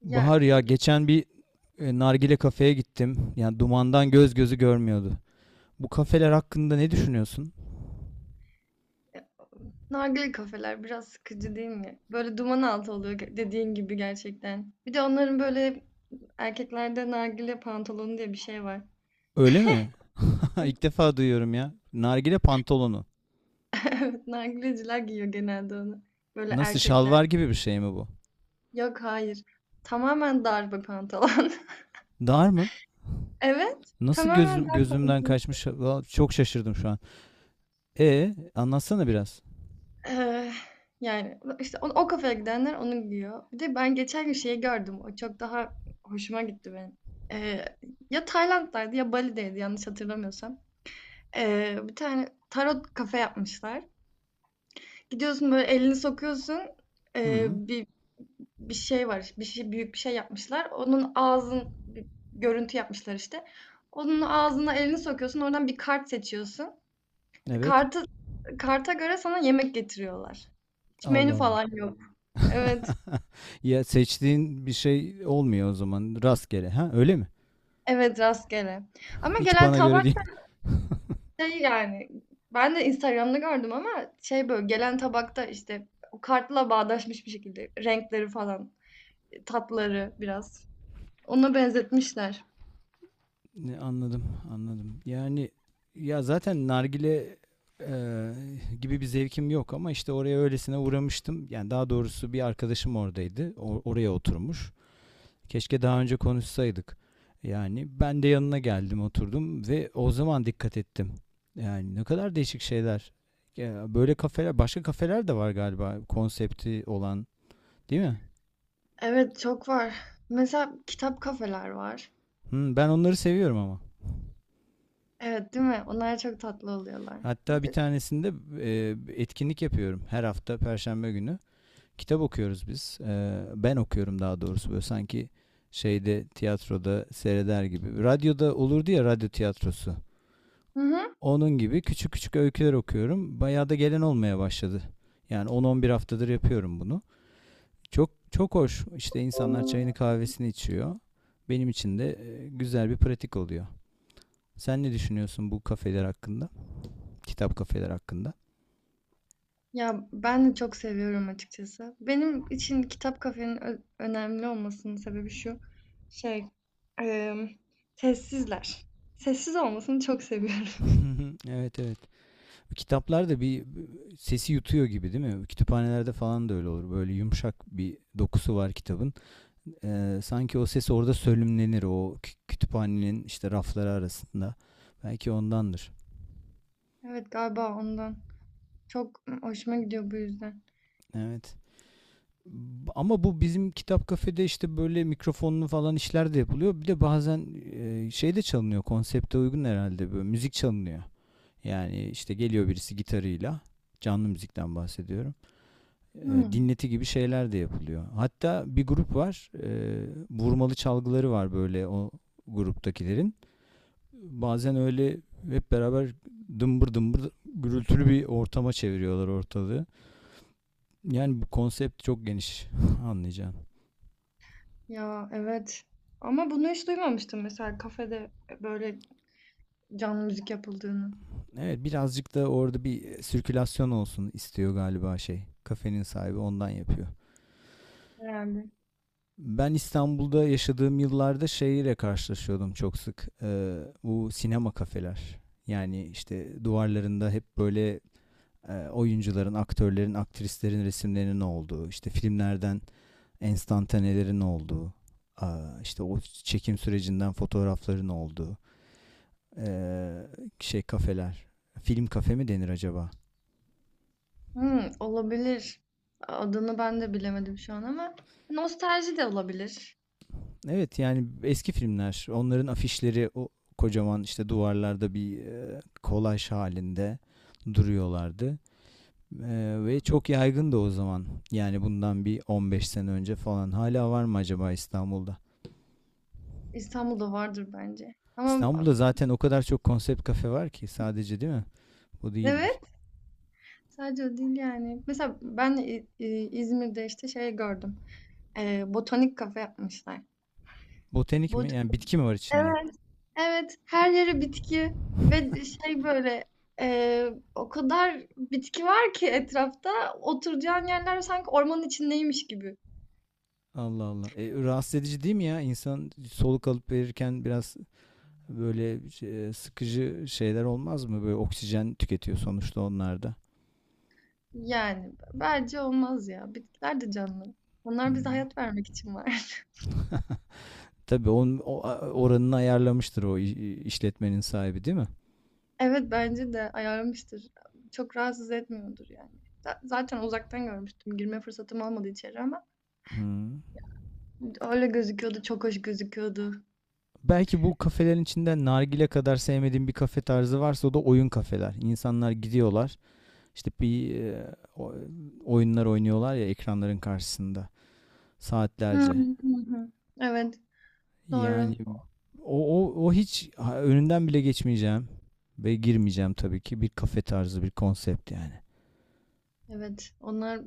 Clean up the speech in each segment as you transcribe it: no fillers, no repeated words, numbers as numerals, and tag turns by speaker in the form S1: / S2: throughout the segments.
S1: Ya
S2: Bahar ya geçen bir nargile kafeye gittim. Yani dumandan göz gözü görmüyordu. Bu kafeler hakkında ne düşünüyorsun?
S1: nargile kafeler biraz sıkıcı değil mi? Böyle duman altı oluyor dediğin gibi gerçekten. Bir de onların böyle erkeklerde nargile pantolonu diye bir şey var.
S2: Öyle mi? İlk defa duyuyorum ya. Nargile pantolonu.
S1: Evet, nargileciler giyiyor genelde onu. Böyle
S2: Nasıl
S1: erkekler.
S2: şalvar gibi bir şey mi bu?
S1: Yok hayır. Tamamen dar bir pantolon.
S2: Dar mı?
S1: Evet.
S2: Nasıl
S1: Tamamen dar
S2: gözümden
S1: pantolon.
S2: kaçmış? Valla çok şaşırdım şu an. E anlatsana biraz.
S1: Eee, Yani, işte o kafaya gidenler onu giyiyor. Bir de ben geçen gün şeyi gördüm, o çok daha hoşuma gitti benim. Eee, Ya Tayland'daydı ya Bali'deydi yanlış hatırlamıyorsam. Bir tane tarot kafe yapmışlar. Gidiyorsun, böyle, elini sokuyorsun, eee,
S2: Hı,
S1: bir bir şey var, bir şey büyük bir şey yapmışlar. Onun ağzın bir görüntü yapmışlar işte. Onun ağzına elini sokuyorsun, oradan bir kart seçiyorsun.
S2: evet.
S1: Kartı Karta göre sana yemek getiriyorlar. Hiç
S2: Allah
S1: menü
S2: Allah.
S1: falan yok. Evet.
S2: Ya seçtiğin bir şey olmuyor o zaman rastgele. Ha öyle mi?
S1: Evet, rastgele. Ama
S2: Hiç
S1: gelen
S2: bana göre değil.
S1: tabak şey yani ben de Instagram'da gördüm ama şey böyle gelen tabakta işte o kartla bağdaşmış bir şekilde renkleri falan, tatları biraz. Ona benzetmişler.
S2: Ne, anladım, anladım. Yani ya zaten nargile eee, gibi bir zevkim yok ama işte oraya öylesine uğramıştım. Yani daha doğrusu bir arkadaşım oradaydı. Oraya oturmuş. Keşke daha önce konuşsaydık. Yani ben de yanına geldim, oturdum ve o zaman dikkat ettim. Yani ne kadar değişik şeyler. Ya böyle kafeler, başka kafeler de var galiba konsepti olan, değil mi?
S1: Evet, çok var. Mesela kitap kafeler var.
S2: Hı, ben onları seviyorum ama.
S1: Evet, değil mi? Onlar çok tatlı oluyorlar.
S2: Hatta
S1: Bir
S2: bir
S1: de-
S2: tanesinde e, etkinlik yapıyorum her hafta Perşembe günü. Kitap okuyoruz biz. E, ben okuyorum daha doğrusu böyle sanki şeyde tiyatroda seyreder gibi. Radyoda olurdu ya radyo tiyatrosu.
S1: Hı hı.
S2: Onun gibi küçük küçük öyküler okuyorum. Bayağı da gelen olmaya başladı. Yani 10-11 haftadır yapıyorum bunu. Çok çok hoş. İşte insanlar çayını kahvesini içiyor. Benim için de güzel bir pratik oluyor. Sen ne düşünüyorsun bu kafeler hakkında? Kitap kafeler hakkında?
S1: Ya, ben de çok seviyorum açıkçası. Benim için kitap kafenin önemli olmasının sebebi şu, şey, emm, sessizler. Sessiz olmasını çok seviyorum.
S2: Evet, evet. Kitaplar da bir sesi yutuyor gibi değil mi? Kütüphanelerde falan da öyle olur. Böyle yumuşak bir dokusu var kitabın. Sanki o ses orada sölümlenir o kütüphanenin işte rafları arasında. Belki ondandır.
S1: Evet, galiba ondan. Çok hoşuma gidiyor bu yüzden.
S2: Evet. Ama bu bizim kitap kafede işte böyle mikrofonlu falan işler de yapılıyor. Bir de bazen şey de çalınıyor. Konsepte uygun herhalde böyle müzik çalınıyor. Yani işte geliyor birisi gitarıyla. Canlı müzikten bahsediyorum. e,
S1: Hımm.
S2: dinleti gibi şeyler de yapılıyor. Hatta bir grup var, vurmalı çalgıları var böyle o gruptakilerin. Bazen öyle hep beraber dımbır dımbır gürültülü bir ortama çeviriyorlar ortalığı. Yani bu konsept çok geniş anlayacağım.
S1: Ya, evet ama bunu hiç duymamıştım mesela kafede, böyle canlı müzik yapıldığını
S2: Evet, birazcık da orada bir sirkülasyon olsun istiyor galiba şey. Kafenin sahibi ondan yapıyor.
S1: herhâlde.
S2: Ben İstanbul'da yaşadığım yıllarda şeyle karşılaşıyordum çok sık. Bu sinema kafeler. Yani işte duvarlarında hep böyle oyuncuların, aktörlerin, aktrislerin resimlerinin olduğu, işte filmlerden enstantanelerin olduğu, işte o çekim sürecinden fotoğrafların olduğu ee, şey kafeler. Film kafe mi denir acaba?
S1: Hımm, olabilir. Adını ben de bilemedim şu an ama nostalji de olabilir.
S2: Evet yani eski filmler onların afişleri o kocaman işte duvarlarda bir kolaj halinde duruyorlardı. Ve çok yaygındı o zaman. Yani bundan bir 15 sene önce falan. Hala var mı acaba İstanbul'da?
S1: İstanbul'da vardır bence ama
S2: İstanbul'da zaten o kadar çok konsept kafe var ki sadece değil mi? Bu değildir.
S1: evet, sadece o değil yani. Mesela ben İzmir'de işte şey gördüm. Botanik kafe yapmışlar.
S2: Botanik mi?
S1: Bot
S2: Yani bitki mi var içinde?
S1: evet, evet. Her yere bitki ve şey böyle e, o kadar bitki var ki etrafta oturacağın yerler sanki ormanın içindeymiş gibi.
S2: Allah Allah. E, rahatsız edici değil mi ya? İnsan soluk alıp verirken biraz böyle sıkıcı şeyler olmaz mı? Böyle oksijen tüketiyor sonuçta onlar da.
S1: Yani bence olmaz ya. Bitkiler de canlı. Onlar bize
S2: Hmm.
S1: hayat vermek için var.
S2: Tabii onun oranını ayarlamıştır o işletmenin sahibi değil mi?
S1: Evet bence de ayarlamıştır. Çok rahatsız etmiyordur yani. Zaten uzaktan görmüştüm. Girme fırsatım olmadı içeri ama.
S2: Hmm.
S1: Öyle gözüküyordu, çok hoş gözüküyordu.
S2: Belki bu kafelerin içinden nargile kadar sevmediğim bir kafe tarzı varsa o da oyun kafeler. İnsanlar gidiyorlar işte bir oyunlar oynuyorlar ya ekranların karşısında
S1: Hı.
S2: saatlerce.
S1: Hı hı. Evet,
S2: Yani
S1: doğru.
S2: o hiç ha, önünden bile geçmeyeceğim ve girmeyeceğim tabii ki bir kafe tarzı bir konsept yani.
S1: Evet, onlar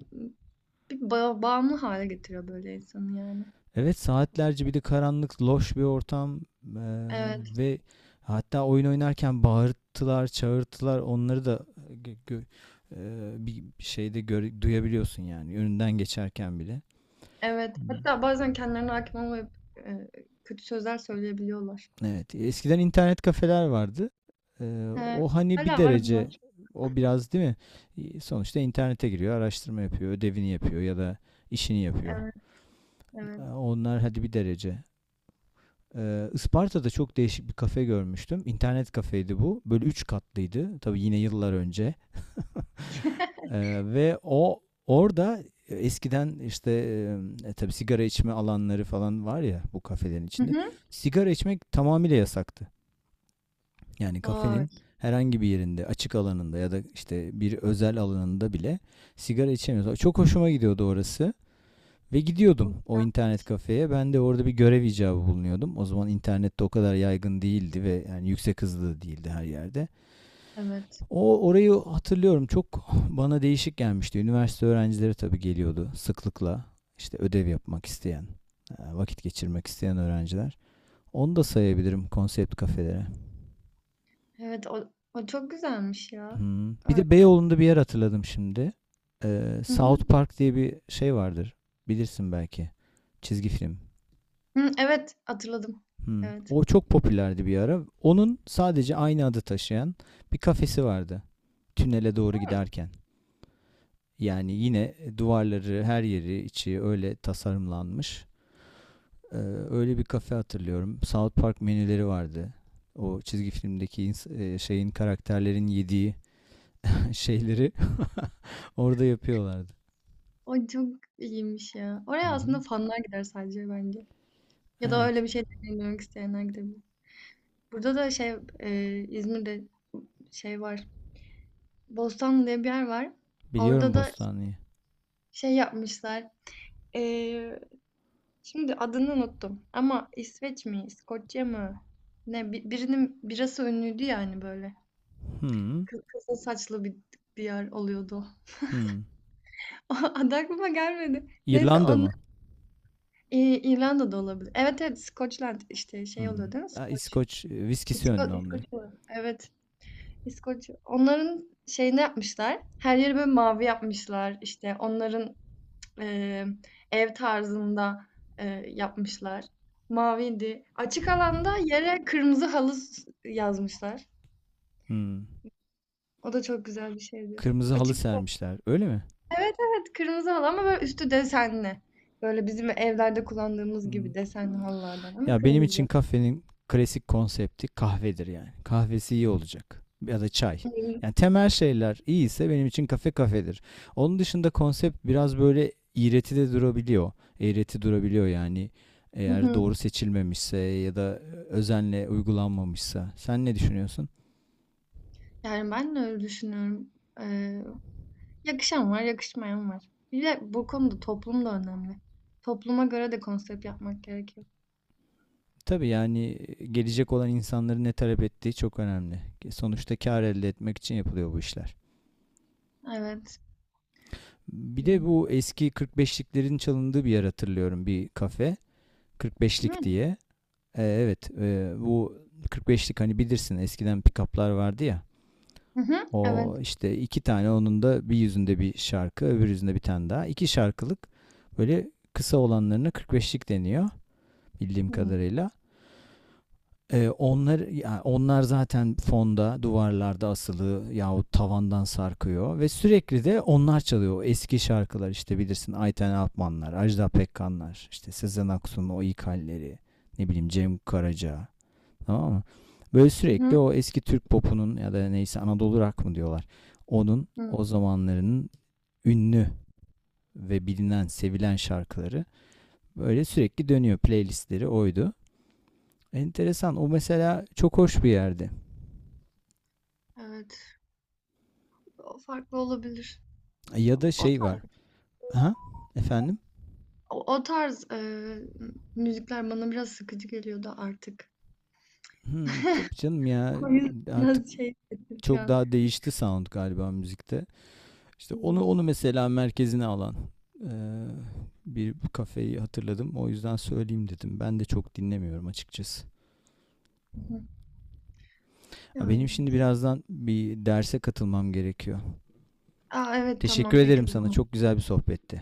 S1: bir bağımlı hâle getiriyor böyle insanı yani.
S2: Evet, saatlerce bir de karanlık, loş bir ortam eee,
S1: Evet,
S2: ve hatta oyun oynarken bağırtılar, çağırtılar onları da gö- gö- bir şeyde duyabiliyorsun yani önünden geçerken bile.
S1: evet.
S2: Hmm.
S1: Hatta bazen kendilerine hâkim olmayıp, eee, kötü sözler söyleyebiliyorlar.
S2: Evet, eskiden internet kafeler vardı. Eee,
S1: He,
S2: o hani bir
S1: hala var
S2: derece
S1: onlar.
S2: o biraz değil mi? Sonuçta internete giriyor, araştırma yapıyor, ödevini yapıyor ya da işini yapıyor.
S1: Evet, evet.
S2: Onlar hadi bir derece. Isparta'da çok değişik bir kafe görmüştüm. İnternet kafeydi bu. Böyle üç katlıydı. Tabii yine yıllar önce. Ve o orada eskiden işte tabii sigara içme alanları falan var ya bu kafelerin
S1: Hı
S2: içinde.
S1: hı.
S2: Sigara içmek tamamıyla yasaktı. Yani kafenin
S1: Vay!
S2: herhangi bir yerinde, açık alanında ya da işte bir özel alanında bile sigara içemiyoruz. Çok hoşuma gidiyordu orası. Ve gidiyordum
S1: Çok
S2: o
S1: güzel.
S2: internet kafeye. Ben de orada bir görev icabı bulunuyordum. O zaman internet de o kadar yaygın değildi ve yani yüksek hızlı değildi her yerde.
S1: Evet.
S2: O orayı hatırlıyorum çok bana değişik gelmişti. Üniversite öğrencileri tabii geliyordu sıklıkla. İşte ödev yapmak isteyen, vakit geçirmek isteyen öğrenciler. Onu da sayabilirim konsept kafelere.
S1: Evet, o çok güzelmiş ya.
S2: Hmm. Bir
S1: Evet.
S2: de Beyoğlu'nda bir yer hatırladım şimdi.
S1: Hı hı.
S2: South Park diye bir şey vardır. Bilirsin belki. Çizgi film.
S1: Hıı, evet, hatırladım.
S2: Hmm.
S1: Evet.
S2: O çok popülerdi bir ara. Onun sadece aynı adı taşıyan bir kafesi vardı. Tünele doğru giderken. Yani yine duvarları, her yeri, içi öyle tasarımlanmış. Ee, öyle bir kafe hatırlıyorum. South Park menüleri vardı. O çizgi filmdeki şeyin karakterlerin yediği şeyleri orada yapıyorlardı.
S1: O çok iyiymiş ya.
S2: Hı
S1: Oraya
S2: hı.
S1: aslında fanlar gider sadece bence. Ya da
S2: Evet,
S1: öyle bir şey deneyimlemek isteyenler gidebilir. Burada da şey İzmir'de şey var. Bostanlı diye bir yer var.
S2: biliyorum
S1: Orada da
S2: Bostanlı'yı.
S1: şey yapmışlar. E, Şimdi adını unuttum. Ama İsveç mi, İskoçya mı? Ne birinin birası ünlüydü yani böyle.
S2: Hmm.
S1: Kızıl saçlı bir bir yer oluyordu.
S2: Hmm.
S1: O adı aklıma gelmedi. Neyse
S2: İrlanda
S1: onlar
S2: mı?
S1: İrlanda'da olabilir. Evet, evet, Scotland işte şey
S2: Hmm.
S1: oluyor değil mi?
S2: Ha,
S1: Skoç.
S2: İskoç viskisi önlü
S1: İskoç.
S2: onların.
S1: Evet. İskoç onların şeyini yapmışlar. Her yeri böyle mavi yapmışlar. İşte onların eee, ev tarzında yapmışlar. Maviydi. Açık alanda yere kırmızı halı yazmışlar.
S2: Hmm.
S1: O da çok güzel bir şeydi.
S2: Kırmızı halı
S1: Açık.
S2: sermişler. Öyle mi?
S1: Evet, evet, kırmızı halı ama böyle üstü desenli. Böyle bizim evlerde kullandığımız
S2: Hmm.
S1: gibi desenli halılardan ama
S2: Ya benim için
S1: kırmızı.
S2: kafenin klasik konsepti kahvedir yani. Kahvesi iyi olacak. Ya da çay. Yani temel şeyler iyiyse benim için kafe kafedir. Onun dışında konsept biraz böyle iğreti de durabiliyor. Eğreti durabiliyor yani.
S1: Hı
S2: Eğer
S1: hı.
S2: doğru seçilmemişse ya da özenle uygulanmamışsa. Sen ne düşünüyorsun?
S1: Yani ben de öyle düşünüyorum. Eee Yakışan var, yakışmayan var. Bir de bu konuda toplum da önemli. Topluma göre de konsept yapmak gerekiyor.
S2: Tabii yani gelecek olan insanların ne talep ettiği çok önemli. Sonuçta kar elde etmek için yapılıyor bu işler.
S1: Evet.
S2: Bir de
S1: Hmm.
S2: bu eski 45'liklerin çalındığı bir yer hatırlıyorum bir kafe. 45'lik
S1: Yani.
S2: diye. Evet. Bu 45'lik hani bilirsin eskiden pick-up'lar vardı ya.
S1: Hı hı.
S2: O
S1: Evet.
S2: işte iki tane onun da bir yüzünde bir şarkı öbür yüzünde bir tane daha. İki şarkılık böyle kısa olanlarına 45'lik deniyor bildiğim
S1: Hmm.
S2: kadarıyla. Onlar ya onlar zaten fonda, duvarlarda asılı yahut tavandan sarkıyor ve sürekli de onlar çalıyor. O eski şarkılar işte bilirsin Ayten Alpmanlar, Ajda Pekkanlar, işte Sezen Aksu'nun o ilk halleri, ne bileyim Cem Karaca. Tamam mı? Böyle
S1: Hı
S2: sürekli
S1: hı.
S2: o eski Türk popunun ya da neyse Anadolu rock mı diyorlar. Onun
S1: Hı.
S2: o zamanlarının ünlü ve bilinen, sevilen şarkıları böyle sürekli dönüyor. Playlistleri oydu. Enteresan. O mesela çok hoş bir yerdi.
S1: Evet. O farklı olabilir.
S2: Ya da
S1: O,
S2: şey var. Aha, efendim?
S1: O tarz müzikler bana biraz sıkıcı geliyordu artık.
S2: Hmm, tabii canım ya
S1: O yüzden
S2: artık
S1: biraz şey hissettim şu
S2: çok
S1: an.
S2: daha değişti sound galiba müzikte. İşte
S1: Hmm.
S2: onu mesela merkezine alan e, bir kafeyi hatırladım. O yüzden söyleyeyim dedim. Ben de çok dinlemiyorum açıkçası.
S1: Hı hı.
S2: Ha,
S1: Yani.
S2: benim şimdi birazdan bir derse katılmam gerekiyor.
S1: Aa, evet
S2: Teşekkür
S1: tamam peki
S2: ederim
S1: o
S2: sana.
S1: zaman.
S2: Çok güzel bir sohbetti.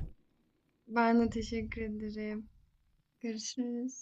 S1: Ben de teşekkür ederim. Görüşürüz.